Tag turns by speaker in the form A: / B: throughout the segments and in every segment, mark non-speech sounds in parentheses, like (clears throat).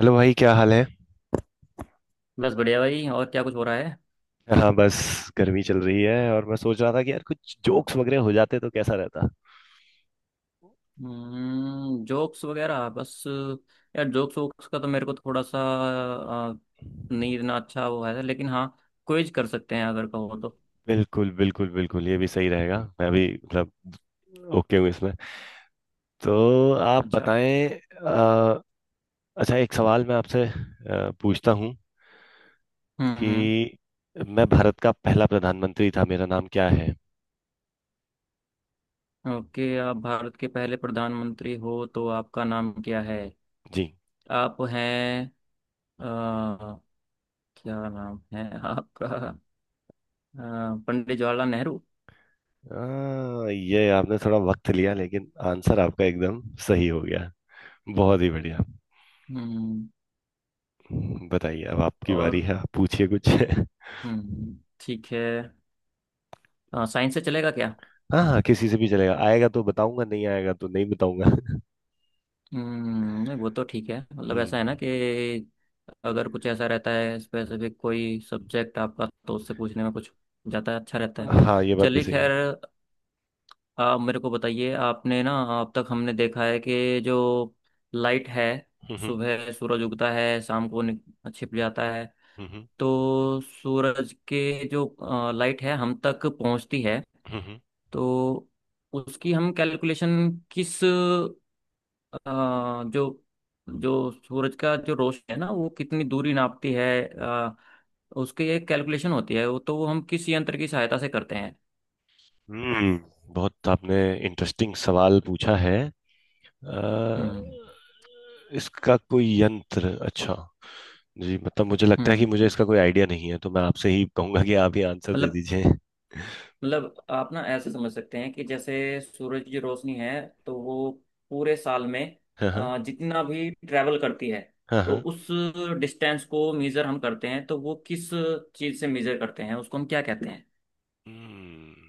A: Hello भाई, क्या हाल है?
B: बस बढ़िया भाई। और क्या कुछ हो रहा है?
A: हाँ बस, गर्मी चल रही है और मैं सोच रहा था कि यार कुछ जोक्स वगैरह हो जाते तो कैसा रहता।
B: जोक्स वगैरह, बस यार, जोक्स वोक्स का तो मेरे को थोड़ा सा नहीं इतना अच्छा वो है, लेकिन हाँ। क्विज कर सकते हैं अगर कहो तो।
A: बिल्कुल बिल्कुल बिल्कुल, ये भी सही रहेगा। मैं भी मतलब ओके हूँ इसमें। तो आप
B: अच्छा।
A: बताएं। अ, अच्छा, एक सवाल मैं आपसे पूछता हूँ
B: हम्म, हम्म।
A: कि मैं भारत का पहला प्रधानमंत्री था, मेरा नाम क्या है?
B: ओके, आप भारत के पहले प्रधानमंत्री हो तो आपका नाम क्या है?
A: जी।
B: आप हैं आ, क्या नाम है आपका? पंडित जवाहरलाल नेहरू।
A: ये आपने थोड़ा वक्त लिया लेकिन आंसर आपका एकदम सही हो गया। बहुत ही बढ़िया।
B: हम्म।
A: बताइए, अब आपकी बारी
B: और
A: है। आप पूछिए कुछ। (laughs)
B: हम्म, ठीक है। साइंस से चलेगा क्या?
A: हाँ हाँ, किसी से भी चलेगा। आएगा तो बताऊंगा, नहीं आएगा तो नहीं बताऊंगा। (laughs)
B: नहीं, वो तो ठीक है। मतलब ऐसा है ना
A: हम्म।
B: कि अगर कुछ ऐसा रहता है स्पेसिफिक कोई सब्जेक्ट आपका, तो उससे पूछने में कुछ जाता है, अच्छा रहता है।
A: हाँ, ये बात भी
B: चलिए
A: सही है।
B: खैर। आप मेरे को बताइए, आपने ना अब तक हमने देखा है कि जो लाइट है,
A: हम्म,
B: सुबह सूरज उगता है, शाम को छिप जाता है।
A: हम्म,
B: तो सूरज के जो लाइट है हम तक पहुंचती है।
A: हम्म,
B: तो उसकी हम कैलकुलेशन किस अ, जो जो सूरज का जो रोशनी है ना, वो कितनी दूरी नापती है, उसकी एक कैलकुलेशन होती है, वो हम किस यंत्र की सहायता से करते हैं?
A: हम्म। बहुत आपने इंटरेस्टिंग सवाल पूछा है। अ,
B: हम्म,
A: इसका कोई यंत्र, अच्छा। जी, मतलब मुझे लगता है कि
B: हम्म।
A: मुझे इसका कोई आइडिया नहीं है, तो मैं आपसे ही कहूंगा कि आप ही आंसर दे
B: मतलब
A: दीजिए।
B: मतलब आप ना ऐसे समझ सकते हैं कि जैसे सूरज की रोशनी है, तो वो पूरे साल में
A: हाँ हाँ,
B: जितना भी ट्रैवल करती है,
A: हाँ
B: तो
A: हाँ।
B: उस डिस्टेंस को मेजर हम करते हैं, तो वो किस चीज़ से मेजर करते हैं, उसको हम क्या कहते हैं?
A: हम्म।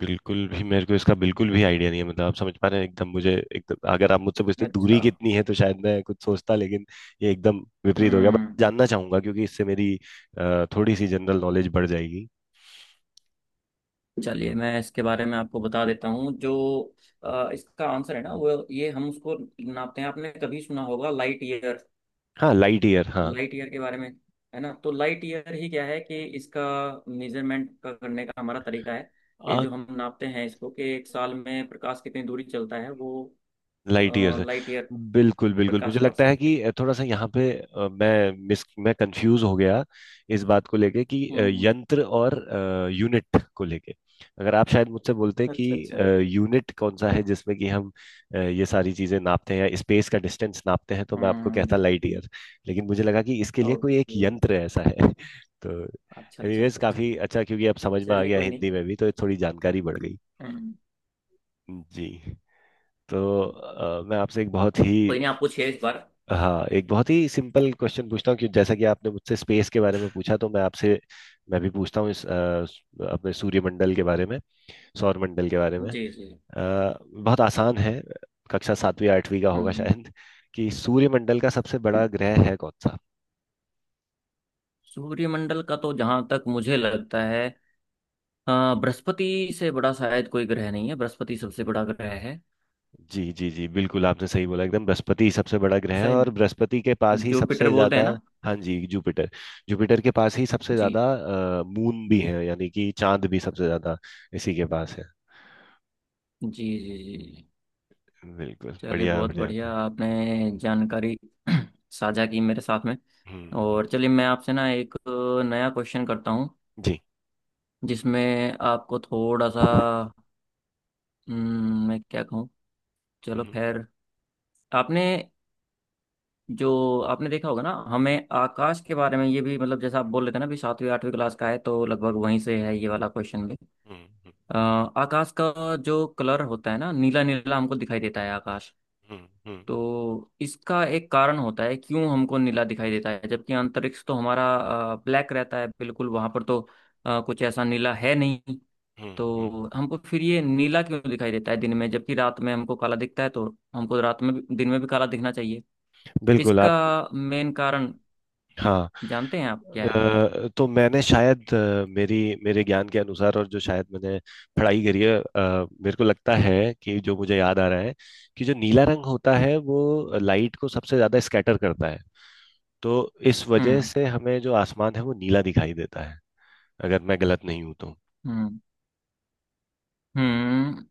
A: बिल्कुल भी मेरे को इसका बिल्कुल भी आइडिया नहीं है। मतलब आप समझ पा रहे हैं, एकदम मुझे एकदम अगर आप मुझसे पूछते दूरी
B: अच्छा।
A: कितनी है तो शायद मैं कुछ सोचता, लेकिन ये एकदम विपरीत हो गया। बट
B: हम्म
A: जानना चाहूंगा क्योंकि इससे मेरी थोड़ी सी जनरल नॉलेज बढ़ जाएगी।
B: चलिए, मैं इसके बारे में आपको बता देता हूँ। इसका आंसर है ना, वो ये, हम उसको नापते हैं। आपने कभी सुना होगा लाइट ईयर?
A: हाँ, लाइट ईयर, हाँ।
B: लाइट ईयर के बारे में, है ना? तो लाइट ईयर ही क्या है कि इसका मेजरमेंट का करने का हमारा तरीका है, कि जो हम नापते हैं इसको कि एक साल में प्रकाश कितनी दूरी चलता है, वो
A: लाइट ईयर से।
B: लाइट ईयर,
A: बिल्कुल बिल्कुल,
B: प्रकाश
A: मुझे
B: वर्ष
A: लगता है
B: कहते हैं।
A: कि थोड़ा सा यहाँ पे मैं कंफ्यूज हो गया। इस बात को लेके कि
B: हम्म।
A: यंत्र और यूनिट को लेके, अगर आप शायद मुझसे बोलते कि
B: अच्छा, अच्छा।
A: यूनिट कौन सा है जिसमें कि हम ये सारी चीजें नापते हैं या स्पेस का डिस्टेंस नापते हैं, तो मैं आपको कहता
B: हम्म,
A: लाइट ईयर। लेकिन मुझे लगा कि इसके लिए कोई एक
B: ओके।
A: यंत्र ऐसा है। (laughs) तो
B: अच्छा, अच्छा,
A: एनीवेज,
B: अच्छा, अच्छा।
A: काफी अच्छा क्योंकि अब समझ में आ
B: चलिए
A: गया,
B: कोई नहीं।
A: हिंदी में भी तो थोड़ी जानकारी बढ़ गई।
B: हम्म,
A: जी। तो मैं आपसे एक बहुत ही।
B: कोई नहीं। आप पूछिए इस बार।
A: हाँ, एक बहुत ही सिंपल क्वेश्चन पूछता हूँ कि जैसा कि आपने मुझसे स्पेस के बारे में पूछा, तो मैं भी पूछता हूँ इस अपने सूर्यमंडल के बारे में, सौर मंडल के बारे में।
B: जी, जी।
A: बहुत आसान है, कक्षा सातवीं आठवीं का होगा
B: हम्म।
A: शायद। कि सूर्यमंडल का सबसे बड़ा ग्रह है कौन सा?
B: सूर्यमंडल का तो जहां तक मुझे लगता है, अ, बृहस्पति से बड़ा शायद कोई ग्रह नहीं है, बृहस्पति सबसे बड़ा ग्रह है।
A: जी जी जी, बिल्कुल आपने सही बोला। एकदम बृहस्पति ही सबसे बड़ा ग्रह है, और
B: शायद
A: बृहस्पति के पास ही
B: जुपिटर
A: सबसे
B: बोलते हैं
A: ज्यादा।
B: ना?
A: हाँ जी, जुपिटर। जुपिटर के पास ही सबसे
B: जी,
A: ज्यादा मून भी है, यानी कि चांद भी सबसे ज्यादा इसी के पास है।
B: जी, जी। जी, जी।
A: बिल्कुल,
B: चलिए
A: बढ़िया
B: बहुत
A: बढ़िया था।
B: बढ़िया,
A: हम्म,
B: आपने जानकारी (clears throat) साझा की मेरे साथ में।
A: हम्म, हम्म,
B: और चलिए, मैं आपसे ना एक नया क्वेश्चन करता हूँ,
A: जी,
B: जिसमें आपको थोड़ा सा, मैं क्या कहूँ, चलो
A: हम्म,
B: खैर। आपने जो आपने देखा होगा ना, हमें आकाश के बारे में ये भी, मतलब जैसा आप बोल रहे थे ना, भी सातवीं आठवीं क्लास का है तो लगभग वहीं से है ये वाला क्वेश्चन भी।
A: हम्म,
B: आकाश का जो कलर होता है ना, नीला नीला हमको दिखाई देता है आकाश।
A: हम्म, हम्म,
B: तो इसका एक कारण होता है, क्यों हमको नीला दिखाई देता है, जबकि अंतरिक्ष तो हमारा ब्लैक रहता है बिल्कुल। वहां पर तो कुछ ऐसा नीला है नहीं।
A: हम्म, हम्म।
B: तो हमको फिर ये नीला क्यों दिखाई देता है दिन में, जबकि रात में हमको काला दिखता है? तो हमको रात में भी दिन में भी काला दिखना चाहिए।
A: बिल्कुल, आप
B: इसका मेन कारण
A: हाँ।
B: जानते हैं आप क्या है?
A: तो मैंने शायद मेरी मेरे ज्ञान के अनुसार, और जो शायद मैंने पढ़ाई करी है, मेरे को लगता है कि जो मुझे याद आ रहा है कि जो नीला रंग होता है वो लाइट को सबसे ज्यादा स्कैटर करता है, तो इस वजह
B: हम्म,
A: से हमें जो आसमान है वो नीला दिखाई देता है। अगर मैं गलत नहीं हूं तो।
B: हम्म, हम्म।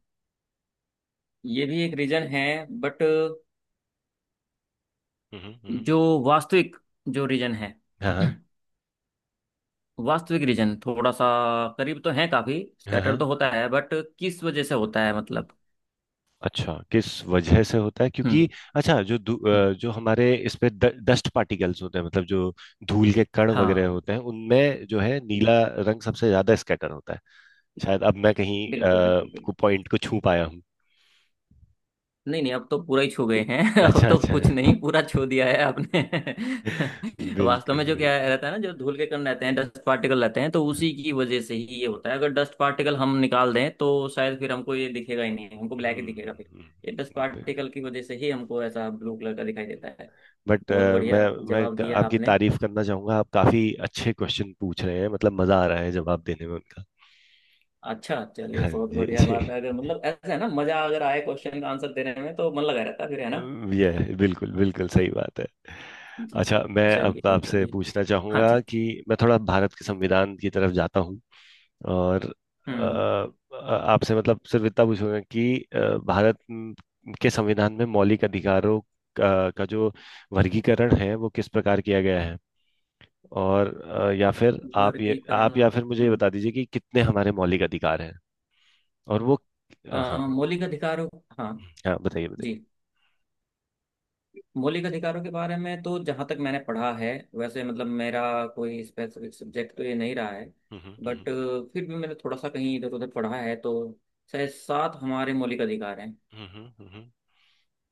B: ये भी एक रीजन है, बट
A: हम्म, हम्म।
B: जो वास्तविक जो रीजन है,
A: हाँ
B: वास्तविक रीजन थोड़ा सा करीब तो है, काफी
A: हाँ,
B: स्कैटर
A: हाँ।
B: तो होता है, बट किस वजह से होता है, मतलब?
A: अच्छा, किस वजह से होता है
B: हम्म,
A: क्योंकि? अच्छा, जो
B: हम्म।
A: जो हमारे इस पे डस्ट पार्टिकल्स होते हैं, मतलब जो धूल के कण वगैरह
B: हाँ
A: होते हैं उनमें जो है नीला रंग सबसे ज्यादा स्कैटर होता है। शायद अब मैं कहीं
B: बिल्कुल,
A: अ,
B: बिल्कुल, बिल्कुल।
A: को पॉइंट को छू पाया हूँ।
B: नहीं, नहीं, अब तो पूरा ही छू गए हैं (laughs) अब
A: अच्छा
B: तो
A: अच्छा।
B: कुछ नहीं, पूरा छू दिया है आपने।
A: (laughs)
B: (laughs) वास्तव में जो
A: बिल्कुल।
B: क्या रहता है ना, जो धूल के कण रहते हैं, डस्ट पार्टिकल रहते हैं, तो उसी की वजह से ही ये होता है। अगर डस्ट पार्टिकल हम निकाल दें, तो शायद फिर हमको ये दिखेगा ही नहीं, हमको ब्लैक ही दिखेगा। फिर ये डस्ट पार्टिकल की वजह से ही हमको ऐसा ब्लू कलर का दिखाई देता है।
A: बट
B: बहुत
A: मैं
B: बढ़िया
A: मैं
B: जवाब दिया
A: आपकी
B: आपने।
A: तारीफ करना चाहूंगा। आप काफी अच्छे क्वेश्चन पूछ रहे हैं, मतलब मजा आ रहा है जवाब देने में उनका।
B: अच्छा चलिए,
A: हाँ
B: बहुत
A: जी
B: बढ़िया
A: जी।
B: बात है। अगर मतलब ऐसा है ना, मजा अगर आए क्वेश्चन का आंसर देने में, तो मन लगा रहता है फिर, है ना?
A: ये बिल्कुल बिल्कुल सही बात है।
B: जी,
A: अच्छा,
B: जी।
A: मैं अब
B: चलिए,
A: आपसे
B: चलिए।
A: पूछना
B: हाँ
A: चाहूंगा
B: जी।
A: कि मैं थोड़ा भारत के संविधान की तरफ जाता हूँ, और अ,
B: हम्म।
A: आपसे मतलब सिर्फ इतना पूछूंगा कि भारत के संविधान में मौलिक अधिकारों का जो वर्गीकरण है वो किस प्रकार किया गया है, और या फिर आप ये
B: वर्गीकरण।
A: आप या फिर मुझे ये
B: हम्म,
A: बता दीजिए कि कितने हमारे मौलिक अधिकार हैं और वो।
B: अ,
A: हाँ
B: मौलिक अधिकारों। हाँ
A: हाँ, बताइए
B: जी।
A: बताइए।
B: मौलिक अधिकारों के बारे में तो जहाँ तक मैंने पढ़ा है, वैसे मतलब मेरा कोई स्पेसिफिक सब्जेक्ट तो ये नहीं रहा है,
A: हम्म
B: बट
A: हम्म
B: फिर भी मैंने थोड़ा सा कहीं इधर उधर पढ़ा है, तो शायद सात हमारे मौलिक अधिकार हैं,
A: हम्म,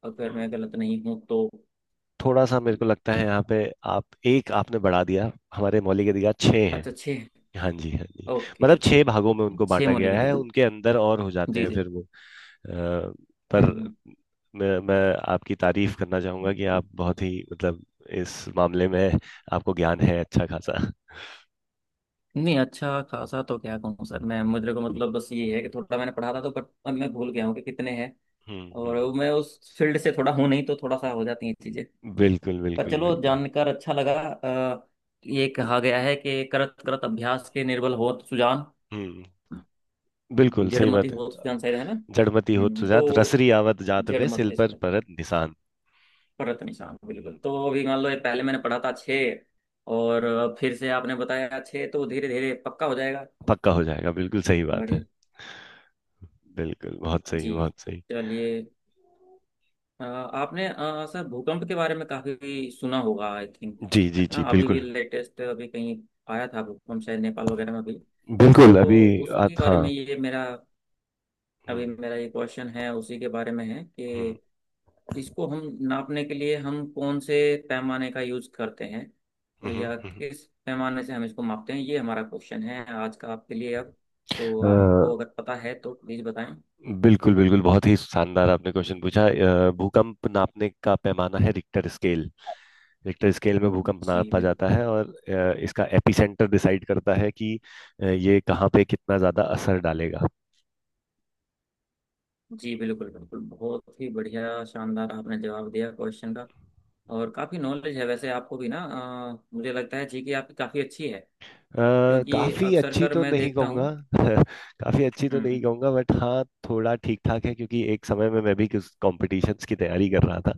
B: अगर
A: हम्म।
B: मैं गलत नहीं हूँ तो।
A: थोड़ा सा मेरे को लगता है यहाँ पे आप एक आपने बढ़ा दिया, हमारे मौलिक अधिकार छः हैं।
B: अच्छा, छः।
A: हाँ जी, हाँ जी।
B: ओके,
A: मतलब छह भागों में उनको
B: छः
A: बांटा
B: मौलिक
A: गया है,
B: अधिकार।
A: उनके अंदर और हो जाते
B: जी,
A: हैं
B: जी।
A: फिर वो। पर
B: हम्म,
A: मैं आपकी तारीफ करना चाहूंगा कि
B: हम्म।
A: आप बहुत ही मतलब इस मामले में आपको ज्ञान है अच्छा खासा।
B: नहीं, अच्छा खासा तो क्या कहूँ सर, मैं मुझे को मतलब बस ये है कि थोड़ा मैंने पढ़ा था तो, बट अब मैं भूल गया हूँ कि कितने हैं।
A: हम्म,
B: और
A: हम्म।
B: मैं उस फील्ड से थोड़ा हूं नहीं, तो थोड़ा सा हो जाती हैं ये चीजें।
A: बिल्कुल
B: पर
A: बिल्कुल
B: चलो
A: बिल्कुल।
B: जानकर अच्छा लगा। ये कहा गया है कि करत करत अभ्यास के निर्बल होत सुजान,
A: हम्म, बिल्कुल सही
B: जड़मति
A: बात है।
B: होत सुजान, सही है ना?
A: जड़मति होत
B: हम्म।
A: सुजात,
B: तो
A: रसरी आवत जात, पे सिल
B: जड़मति
A: पर
B: सुजान
A: परत निशान।
B: परत निशान, बिल्कुल। तो अभी मान लो, ये पहले मैंने पढ़ा था छः, और फिर से आपने बताया छः, तो धीरे धीरे पक्का हो जाएगा।
A: पक्का हो जाएगा, बिल्कुल सही बात है।
B: बढ़िया।
A: बिल्कुल, बहुत सही
B: जी,
A: बहुत सही।
B: चलिए। आपने सर भूकंप के बारे में काफी सुना होगा, आई थिंक।
A: जी,
B: है
A: जी,
B: ना?
A: जी,
B: अभी भी
A: बिल्कुल।
B: लेटेस्ट अभी कहीं आया था भूकंप, शायद नेपाल वगैरह में भी। तो
A: बिल्कुल, अभी
B: उसके
A: आप
B: बारे
A: हाँ।
B: में ये मेरा
A: हुँ,
B: अभी मेरा ये क्वेश्चन है उसी के बारे में है,
A: हुँ,
B: कि इसको हम नापने के लिए हम कौन से पैमाने का यूज करते हैं,
A: हुँ, हुँ,
B: या
A: हुँ, हुँ।
B: किस पैमाने से हम इसको मापते हैं, ये हमारा क्वेश्चन है आज का आपके लिए अब। तो
A: अ,
B: आपको अगर पता है तो प्लीज बताएं।
A: बिल्कुल, बिल्कुल, बहुत ही शानदार आपने क्वेश्चन पूछा। भूकंप नापने का पैमाना है रिक्टर स्केल। रिक्टर स्केल में भूकंप
B: जी
A: नापा
B: बिल्कुल।
A: जाता है, और इसका एपिसेंटर डिसाइड करता है कि ये कहाँ पे कितना ज़्यादा असर डालेगा।
B: जी बिल्कुल, बिल्कुल, बहुत ही बढ़िया शानदार आपने जवाब दिया क्वेश्चन का। और काफ़ी नॉलेज है वैसे आपको भी ना। मुझे लगता है जी कि आपकी काफ़ी अच्छी है, क्योंकि
A: काफ़ी
B: अक्सर
A: अच्छी
B: कर
A: तो
B: मैं
A: नहीं
B: देखता
A: कहूँगा।
B: हूँ।
A: (laughs) काफ़ी अच्छी तो नहीं
B: हम्म,
A: कहूँगा, बट हाँ, थोड़ा ठीक-ठाक है, क्योंकि एक समय में मैं भी कुछ कॉम्पिटिशन्स की तैयारी कर रहा था,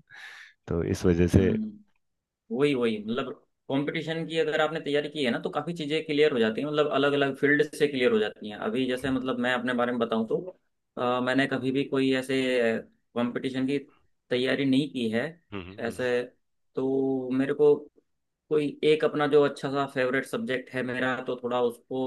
A: तो इस वजह से।
B: हम्म। वही वही, मतलब कंपटीशन की अगर आपने तैयारी की है ना, तो काफी चीजें क्लियर हो जाती हैं, मतलब अलग अलग फील्ड से क्लियर हो जाती हैं। अभी जैसे मतलब मैं अपने बारे में बताऊं तो, मैंने कभी भी कोई ऐसे कंपटीशन की तैयारी नहीं की है
A: हम्म, हम्म,
B: ऐसे। तो मेरे को कोई एक अपना जो अच्छा सा फेवरेट सब्जेक्ट है मेरा, तो थोड़ा उसको,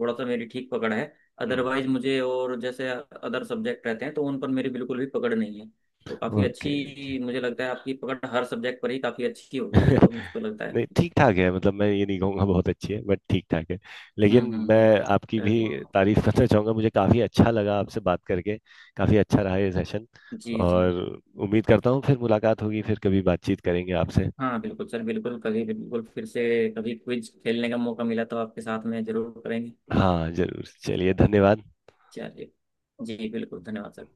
B: थोड़ा सा मेरी ठीक पकड़ है।
A: हम्म।
B: अदरवाइज मुझे और जैसे अदर सब्जेक्ट रहते हैं, तो उन पर मेरी बिल्कुल भी पकड़ नहीं है। तो काफी
A: ओके ओके।
B: अच्छी मुझे लगता है आपकी पकड़ हर सब्जेक्ट पर ही काफी अच्छी होगी फिर,
A: (laughs)
B: तो मुझको लगता है।
A: नहीं, ठीक ठाक है, मतलब मैं ये नहीं कहूँगा बहुत अच्छी है, बट ठीक ठाक है। लेकिन
B: हम्म,
A: मैं
B: हम्म।
A: आपकी भी
B: चलिए।
A: तारीफ (laughs) करना चाहूँगा, मुझे काफ़ी अच्छा लगा आपसे बात करके। काफ़ी अच्छा रहा ये सेशन,
B: जी, जी।
A: और उम्मीद करता हूँ फिर मुलाकात होगी, फिर कभी बातचीत करेंगे आपसे।
B: हाँ बिल्कुल सर, बिल्कुल कभी, बिल्कुल फिर से कभी क्विज खेलने का मौका मिला तो आपके साथ में जरूर करेंगे।
A: हाँ जरूर, चलिए, धन्यवाद।
B: चलिए। जी बिल्कुल, धन्यवाद सर।